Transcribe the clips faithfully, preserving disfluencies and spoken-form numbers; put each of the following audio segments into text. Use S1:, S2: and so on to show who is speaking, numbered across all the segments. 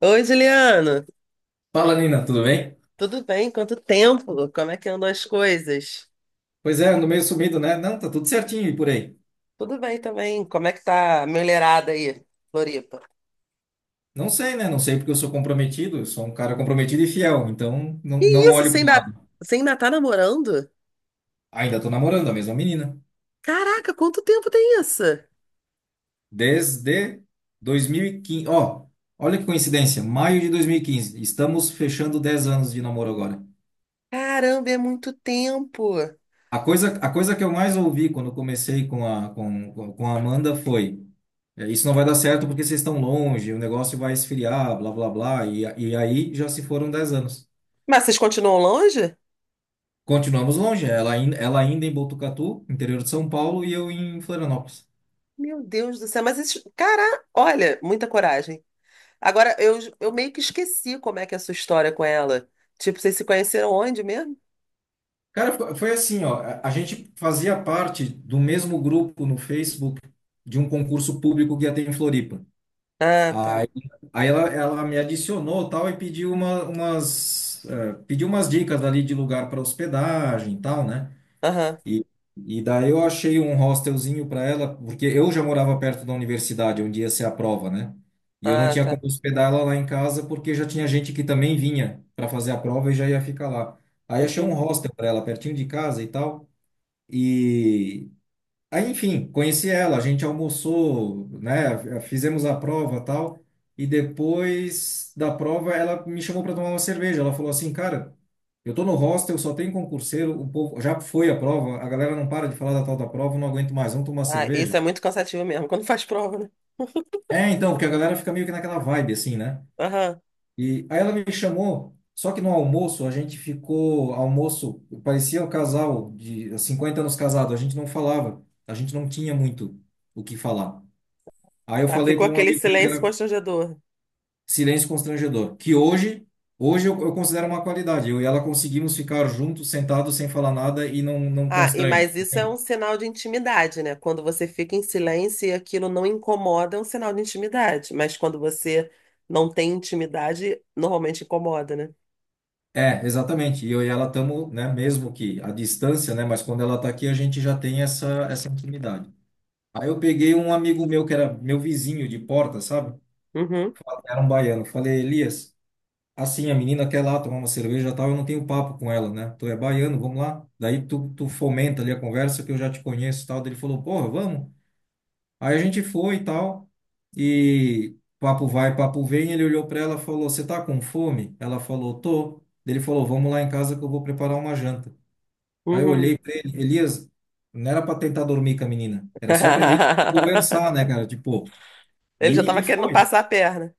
S1: Oi, Juliano,
S2: Fala, Nina, tudo bem?
S1: tudo bem? Quanto tempo? Como é que andam as coisas?
S2: Pois é, ando meio sumido, né? Não, tá tudo certinho e por aí.
S1: Tudo bem também. Como é que tá a mulherada aí, Floripa?
S2: Não sei, né? Não sei porque eu sou comprometido, eu sou um cara comprometido e fiel, então não,
S1: Que
S2: não
S1: isso?
S2: olho
S1: Você
S2: pro
S1: ainda,
S2: lado.
S1: você ainda tá namorando?
S2: Ainda tô namorando a mesma menina.
S1: Caraca, quanto tempo tem isso?
S2: Desde dois mil e quinze. Ó, olha que coincidência, maio de dois mil e quinze. Estamos fechando dez anos de namoro agora.
S1: Caramba, é muito tempo.
S2: A coisa, a coisa que eu mais ouvi quando comecei com a, com, com a Amanda foi: é, isso não vai dar certo porque vocês estão longe, o negócio vai esfriar, blá blá blá. E, a- e aí já se foram dez anos.
S1: Mas vocês continuam longe?
S2: Continuamos longe, ela ainda, ela ainda em Botucatu, interior de São Paulo, e eu em Florianópolis.
S1: Meu Deus do céu, mas isso, cara, olha, muita coragem. Agora, eu, eu meio que esqueci como é que é a sua história com ela. Tipo, vocês se conheceram onde mesmo?
S2: Cara, fo- foi assim, ó, a a gente fazia parte do mesmo grupo no Facebook de um concurso público que ia ter em Floripa.
S1: Ah, tá.
S2: Aí, aí ela, ela me adicionou tal e pediu uma, umas, eh, pediu umas dicas ali de lugar para hospedagem e tal, né?
S1: Aham.
S2: E, e daí eu achei um hostelzinho para ela, porque eu já morava perto da universidade, onde ia ser a prova, né? E eu não
S1: Ah,
S2: tinha
S1: tá.
S2: como hospedar ela lá em casa, porque já tinha gente que também vinha para fazer a prova e já ia ficar lá. Aí achei um hostel para ela, pertinho de casa e tal. E, Aí, enfim, conheci ela, a gente almoçou, né? Fizemos a prova, tal, e depois da prova ela me chamou para tomar uma cerveja. Ela falou assim, cara, eu tô no hostel, só tem concurseiro, o povo já foi a prova, a galera não para de falar da tal da prova, eu não aguento mais, vamos tomar uma
S1: Ah, isso
S2: cerveja.
S1: é muito cansativo mesmo, quando faz prova, né?
S2: É, então, porque a galera fica meio que naquela vibe assim, né?
S1: Aham.
S2: E aí ela me chamou, só que no almoço a gente ficou, almoço, parecia um casal de cinquenta anos casado, a gente não falava, a gente não tinha muito o que falar. Aí eu
S1: Tá,
S2: falei
S1: ficou
S2: para um
S1: aquele
S2: amigo meu que
S1: silêncio
S2: era
S1: constrangedor.
S2: silêncio constrangedor, que hoje, hoje eu, eu considero uma qualidade. Eu e ela conseguimos ficar juntos, sentados, sem falar nada e não, não
S1: Ah, e
S2: constrange.
S1: mas isso é um
S2: Entende?
S1: sinal de intimidade, né? Quando você fica em silêncio e aquilo não incomoda, é um sinal de intimidade. Mas quando você não tem intimidade, normalmente incomoda, né?
S2: É, exatamente. E eu e ela estamos, né, mesmo que à distância, né, mas quando ela está aqui, a gente já tem essa, essa intimidade. Aí eu peguei um amigo meu que era meu vizinho de porta, sabe?
S1: Uhum,
S2: Era um baiano. Falei, Elias. Assim, a menina quer lá tomar uma cerveja e tal, eu não tenho papo com ela, né? Tu é baiano, vamos lá. Daí tu, tu fomenta ali a conversa que eu já te conheço e tal. Daí ele falou, porra, vamos. Aí a gente foi e tal. E papo vai, papo vem. Ele olhou pra ela e falou, você tá com fome? Ela falou, tô. Daí ele falou, vamos lá em casa que eu vou preparar uma janta. Aí eu
S1: uhum.
S2: olhei pra ele, Elias, não era pra tentar dormir com a menina, era só pra vir conversar, né, cara? Tipo,
S1: Ele já
S2: e,
S1: estava
S2: e
S1: querendo
S2: foi.
S1: passar a perna.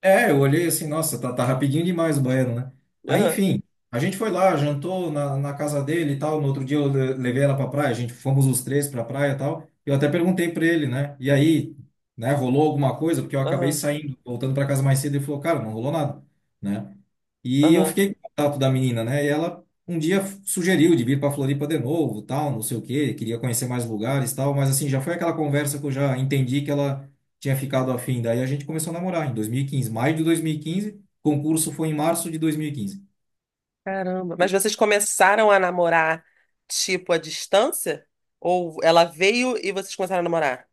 S2: É, eu olhei assim, nossa, tá, tá rapidinho demais o banheiro, né? Aí,
S1: Aham,
S2: enfim, a gente foi lá, jantou na, na casa dele e tal. No outro dia eu le- levei ela pra praia, a gente fomos os três pra praia e tal. Eu até perguntei pra ele, né? E aí, né, rolou alguma coisa? Porque eu acabei
S1: aham,
S2: saindo, voltando pra casa mais cedo. Ele falou, cara, não rolou nada, né? E eu
S1: aham.
S2: fiquei com o contato da menina, né? E ela um dia sugeriu de vir pra Floripa de novo, tal, não sei o quê, queria conhecer mais lugares, tal. Mas assim, já foi aquela conversa que eu já entendi que ela tinha ficado afim. Daí a gente começou a namorar em dois mil e quinze, maio de dois mil e quinze. Concurso foi em março de dois mil e quinze.
S1: Caramba. Mas vocês começaram a namorar, tipo, à distância? Ou ela veio e vocês começaram a namorar?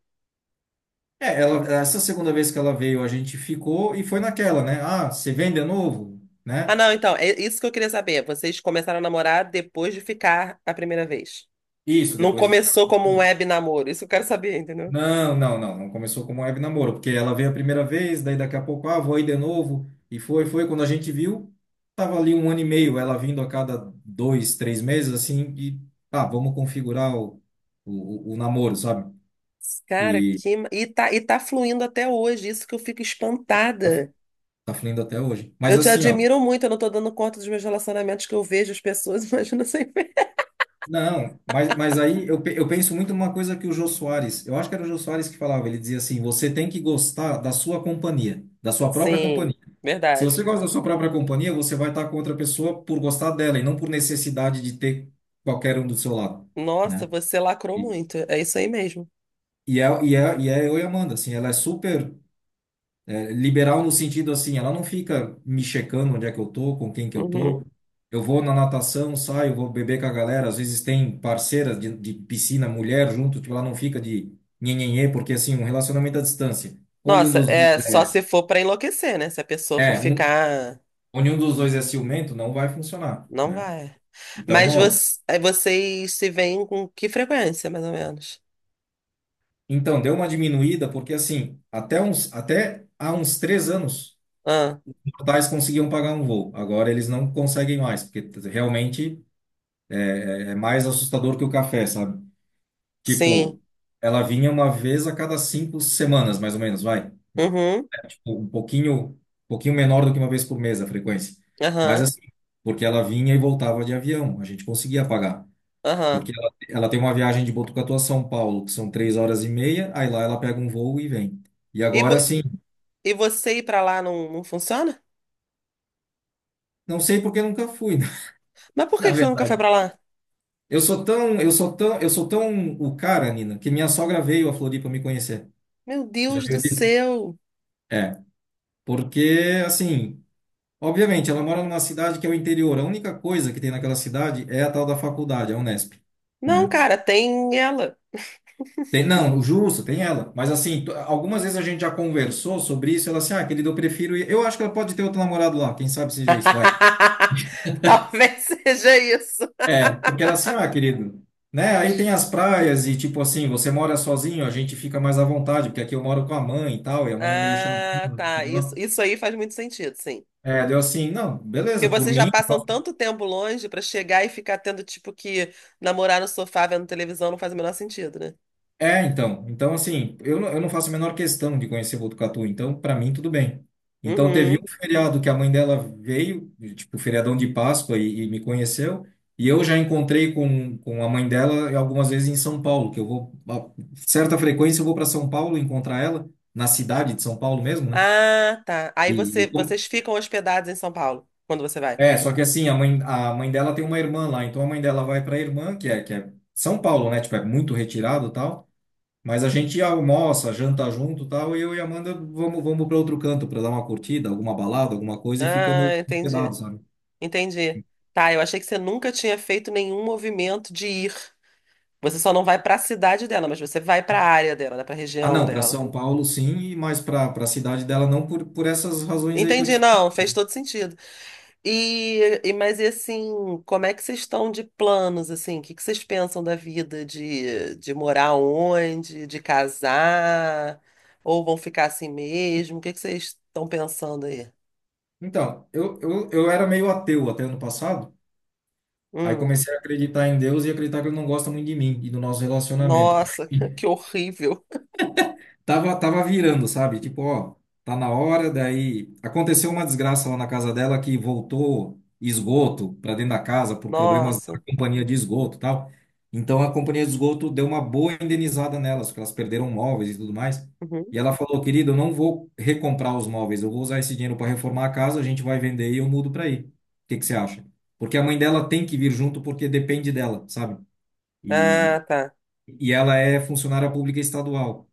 S2: É, ela, essa segunda vez que ela veio, a gente ficou e foi naquela, né? Ah, você vem de novo,
S1: Ah,
S2: né?
S1: não, então, é isso que eu queria saber. Vocês começaram a namorar depois de ficar a primeira vez.
S2: Isso,
S1: Não
S2: depois de ficar.
S1: começou como um web namoro. Isso eu quero saber, entendeu?
S2: Não, não, não, não começou como web namoro, porque ela veio a primeira vez, daí daqui a pouco, ah, vou aí de novo. E foi, foi, quando a gente viu, tava ali um ano e meio, ela vindo a cada dois, três meses, assim, e, ah, vamos configurar o, o, o namoro, sabe?
S1: Cara,
S2: E
S1: que. Ma- E tá, e tá fluindo até hoje. Isso que eu fico espantada.
S2: tá fluindo até hoje. Mas
S1: Eu te
S2: assim, ó.
S1: admiro muito. Eu não tô dando conta dos meus relacionamentos que eu vejo as pessoas. Imagina sem ver.
S2: Não, mas, mas aí eu, pe- eu penso muito numa coisa que o Jô Soares, eu acho que era o Jô Soares que falava, ele dizia assim, você tem que gostar da sua companhia, da sua própria companhia.
S1: Sim,
S2: Se você
S1: verdade.
S2: gosta da sua própria companhia, você vai estar com outra pessoa por gostar dela e não por necessidade de ter qualquer um do seu lado,
S1: Nossa,
S2: né?
S1: você lacrou
S2: E,
S1: muito. É isso aí mesmo.
S2: e, é, e, é, e é eu e a Amanda, assim, ela é super é, liberal no sentido assim, ela não fica me checando onde é que eu tô, com quem que eu tô.
S1: Uhum.
S2: Eu vou na natação, saio, vou beber com a galera. Às vezes tem parceiras de, de piscina, mulher junto, tipo, ela não fica de nhenhenhê, porque assim, um relacionamento à distância, onde um
S1: Nossa,
S2: dos dois
S1: é só
S2: é,
S1: se for pra enlouquecer, né? Se a pessoa for
S2: é um,
S1: ficar.
S2: onde um dos dois é ciumento, não vai funcionar,
S1: Não
S2: né?
S1: vai.
S2: Então
S1: Mas
S2: rola.
S1: você, aí vocês se veem com que frequência, mais ou menos?
S2: Então, deu uma diminuída, porque assim, até uns, até há uns três anos,
S1: Ah,
S2: os portais conseguiam pagar um voo. Agora eles não conseguem mais, porque realmente é mais assustador que o café, sabe?
S1: sim.
S2: Tipo, ela vinha uma vez a cada cinco semanas, mais ou menos, vai.
S1: Uhum,
S2: Tipo, um pouquinho, um pouquinho menor do que uma vez por mês a frequência. Mas
S1: aham,
S2: assim, porque ela vinha e voltava de avião, a gente conseguia pagar.
S1: aham.
S2: Porque ela, Ela tem uma viagem de Botucatu a São Paulo, que são três horas e meia, aí lá ela pega um voo e vem. E
S1: E, vo
S2: agora, assim,
S1: e você ir pra lá não, não funciona?
S2: não sei porque nunca fui, né?
S1: Mas por
S2: Na
S1: que que você nunca foi
S2: verdade.
S1: pra lá?
S2: Eu sou tão, eu sou tão, eu sou tão o cara, Nina, que minha sogra veio a Floripa me conhecer.
S1: Meu
S2: Já
S1: Deus do
S2: viu disso?
S1: céu.
S2: É, Porque, assim, obviamente, ela mora numa cidade que é o interior. A única coisa que tem naquela cidade é a tal da faculdade, a Unesp,
S1: Não,
S2: né?
S1: cara, tem ela.
S2: Tem, não, o justo, tem ela. Mas, assim, t- algumas vezes a gente já conversou sobre isso. Ela assim, ah, querido, eu prefiro ir. Eu acho que ela pode ter outro namorado lá. Quem sabe seja isso, vai.
S1: Talvez seja isso.
S2: É, porque ela assim, ah, querido, né? Aí tem as praias e, tipo assim, você mora sozinho, a gente fica mais à vontade, porque aqui eu moro com a mãe e tal, e a mãe é meio chata.
S1: Ah, tá. Isso, isso aí faz muito sentido, sim.
S2: É, deu assim, não,
S1: Porque
S2: beleza, por
S1: vocês já
S2: mim.
S1: passam tanto tempo longe pra chegar e ficar tendo, tipo, que namorar no sofá vendo televisão não faz o menor sentido, né?
S2: É, então. Então, assim, eu não, eu não faço a menor questão de conhecer Botucatu, então, para mim, tudo bem. Então, teve
S1: Uhum.
S2: um feriado que a mãe dela veio, tipo, feriadão de Páscoa, e, e me conheceu, e eu já encontrei com, com a mãe dela algumas vezes em São Paulo, que eu vou, a certa frequência, eu vou para São Paulo encontrar ela, na cidade de São Paulo mesmo, né?
S1: Ah, tá. Aí
S2: E,
S1: você,
S2: e como-
S1: vocês ficam hospedados em São Paulo quando você vai.
S2: É, só que assim, a mãe, a mãe dela tem uma irmã lá, então a mãe dela vai para a irmã, que é, que é São Paulo, né? Tipo, é muito retirado e tal. Mas a gente almoça, janta junto, e tal, e eu e a Amanda vamos, vamos para outro canto para dar uma curtida, alguma balada, alguma coisa e ficamos
S1: Ah, entendi.
S2: hospedados, sabe?
S1: Entendi. Tá, eu achei que você nunca tinha feito nenhum movimento de ir. Você só não vai pra cidade dela, mas você vai pra área dela, né? Pra
S2: Ah,
S1: região
S2: não, para
S1: dela.
S2: São Paulo sim, mas para para a cidade dela não por, por essas razões aí que eu te
S1: Entendi,
S2: falei.
S1: não, fez todo sentido. E, e mas e assim, como é que vocês estão de planos assim? O que que vocês pensam da vida de, de morar onde, de casar, ou vão ficar assim mesmo? O que que vocês estão pensando aí?
S2: Então, eu, eu, eu era meio ateu até ano passado, aí
S1: Hum,
S2: comecei a acreditar em Deus e acreditar que ele não gosta muito de mim e do nosso relacionamento.
S1: nossa, que horrível.
S2: Tava, tava virando, sabe? Tipo, ó, tá na hora, daí aconteceu uma desgraça lá na casa dela que voltou esgoto para dentro da casa por problemas da
S1: Nossa.
S2: companhia de esgoto, e tal. Então a companhia de esgoto deu uma boa indenizada nelas, porque elas perderam móveis e tudo mais.
S1: Uhum.
S2: E ela falou, querido, eu não vou recomprar os móveis, eu vou usar esse dinheiro para reformar a casa, a gente vai vender e eu mudo para aí. O que que você acha? Porque a mãe dela tem que vir junto porque depende dela, sabe? E,
S1: Ah, tá.
S2: e ela é funcionária pública estadual.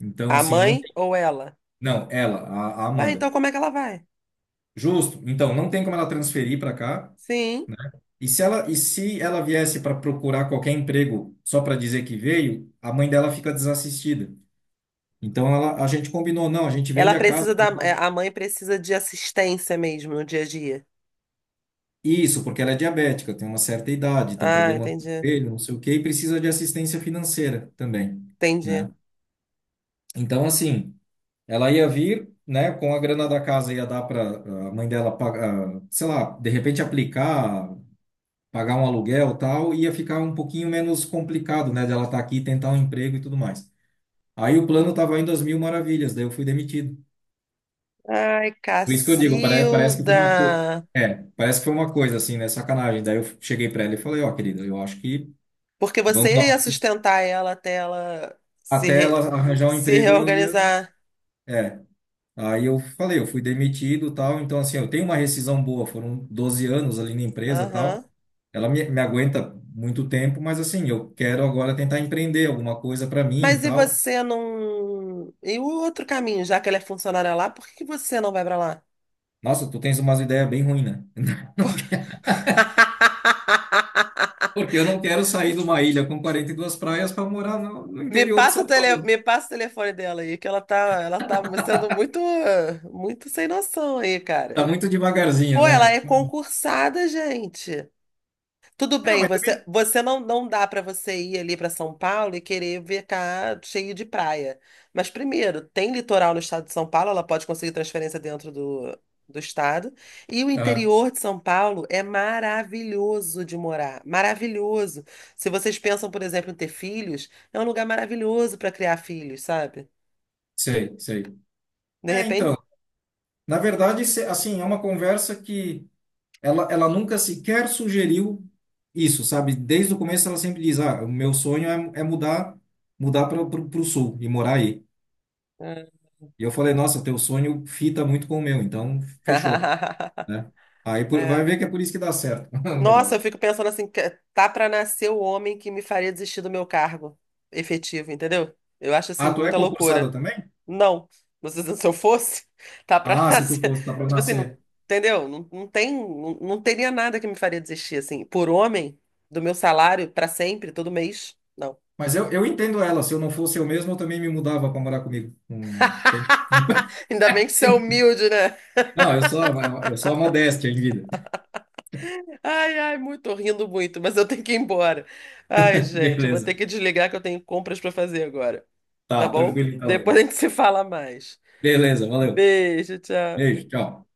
S2: Então,
S1: A
S2: assim, não
S1: mãe ou ela?
S2: não, ela, a, a
S1: Ah, então
S2: Amanda.
S1: como é que ela vai?
S2: Justo. Então, não tem como ela transferir para cá,
S1: Sim.
S2: né? E se ela, e se ela viesse para procurar qualquer emprego só para dizer que veio, a mãe dela fica desassistida. Então, ela, a gente combinou, não, a gente
S1: Ela
S2: vende a casa.
S1: precisa da, é, a mãe precisa de assistência mesmo no dia a dia.
S2: Isso, porque ela é diabética, tem uma certa idade, tem
S1: Ah,
S2: problema no
S1: entendi.
S2: joelho, não sei o quê, e precisa de assistência financeira também,
S1: Entendi.
S2: né? Então, assim, ela ia vir, né, com a grana da casa ia dar para a mãe dela pagar, sei lá, de repente aplicar pagar um aluguel e tal, ia ficar um pouquinho menos complicado, né, de ela estar aqui, tentar um emprego e tudo mais. Aí o plano estava indo às mil maravilhas, daí eu fui demitido.
S1: Ai,
S2: Por isso que eu digo, parece, parece que foi uma coisa.
S1: Cacilda!
S2: É, parece que foi uma coisa assim, né? Sacanagem. Daí eu cheguei para ela e falei, ó, querida, eu acho que
S1: Porque
S2: vamos dar
S1: você ia
S2: uma...
S1: sustentar ela até ela se,
S2: Até
S1: re-
S2: ela arranjar um
S1: se
S2: emprego, eu ia.
S1: reorganizar.
S2: É, aí eu falei, eu fui demitido, tal, então assim, eu tenho uma rescisão boa, foram doze anos ali na empresa, tal.
S1: Aham.
S2: Ela me, me aguenta muito tempo, mas assim, eu quero agora tentar empreender alguma coisa para mim e
S1: Mas e
S2: tal.
S1: você não. E o outro caminho, já que ela é funcionária lá, por que que você não vai pra lá?
S2: Nossa, tu tens umas ideias bem ruins, né? Não quero- porque eu não quero sair de uma ilha com quarenta e duas praias para morar no, no
S1: Me
S2: interior de
S1: passa
S2: São
S1: o tele...
S2: Paulo.
S1: Me passa o telefone dela aí, que ela tá, ela tá sendo muito, muito sem noção aí, cara.
S2: Tá muito devagarzinho,
S1: Pô, ela
S2: né?
S1: é concursada, gente. Tudo
S2: Ah,
S1: bem,
S2: mas
S1: você,
S2: também.
S1: você não, não dá para você ir ali para São Paulo e querer ver cá cheio de praia. Mas primeiro, tem litoral no estado de São Paulo, ela pode conseguir transferência dentro do, do estado. E o
S2: Ah,
S1: interior de São Paulo é maravilhoso de morar, maravilhoso. Se vocês pensam, por exemplo, em ter filhos, é um lugar maravilhoso para criar filhos, sabe?
S2: sei, sei.
S1: De
S2: É, então,
S1: repente,
S2: na verdade, se- assim, é uma conversa que Ela, ela nunca sequer sugeriu isso, sabe? Desde o começo ela sempre diz, ah, o meu sonho é, é mudar, mudar para o sul e morar aí. E eu falei, nossa, teu sonho fita muito com o meu, então fechou, né? Aí por- vai
S1: é.
S2: ver que é por isso que dá certo o
S1: Nossa, eu
S2: negócio.
S1: fico pensando assim, que- tá pra nascer o homem que me faria desistir do meu cargo efetivo, entendeu? Eu acho assim
S2: Ah, tu é
S1: muita
S2: concursada
S1: loucura.
S2: também?
S1: Não, mas se se eu fosse, tá pra
S2: Ah, se tu
S1: nascer.
S2: fosse, dá para
S1: Tipo assim, não,
S2: nascer.
S1: entendeu? Não, não tem, não, não teria nada que me faria desistir assim, por homem, do meu salário pra sempre, todo mês. Não.
S2: Mas eu, eu entendo ela, se eu não fosse eu mesmo, eu também me mudava para morar comigo. Hum, sem...
S1: Ainda bem que você é
S2: Sim.
S1: humilde, né?
S2: Não, eu sou, eu sou a modéstia em vida.
S1: Ai, ai, muito, tô rindo muito, mas eu tenho que ir embora. Ai, gente, eu vou ter
S2: Beleza.
S1: que desligar que eu tenho compras pra fazer agora. Tá
S2: Tá,
S1: bom?
S2: tranquilo então,
S1: Depois a
S2: Lino.
S1: gente se fala mais.
S2: Beleza, valeu.
S1: Beijo, tchau.
S2: Beijo, tchau.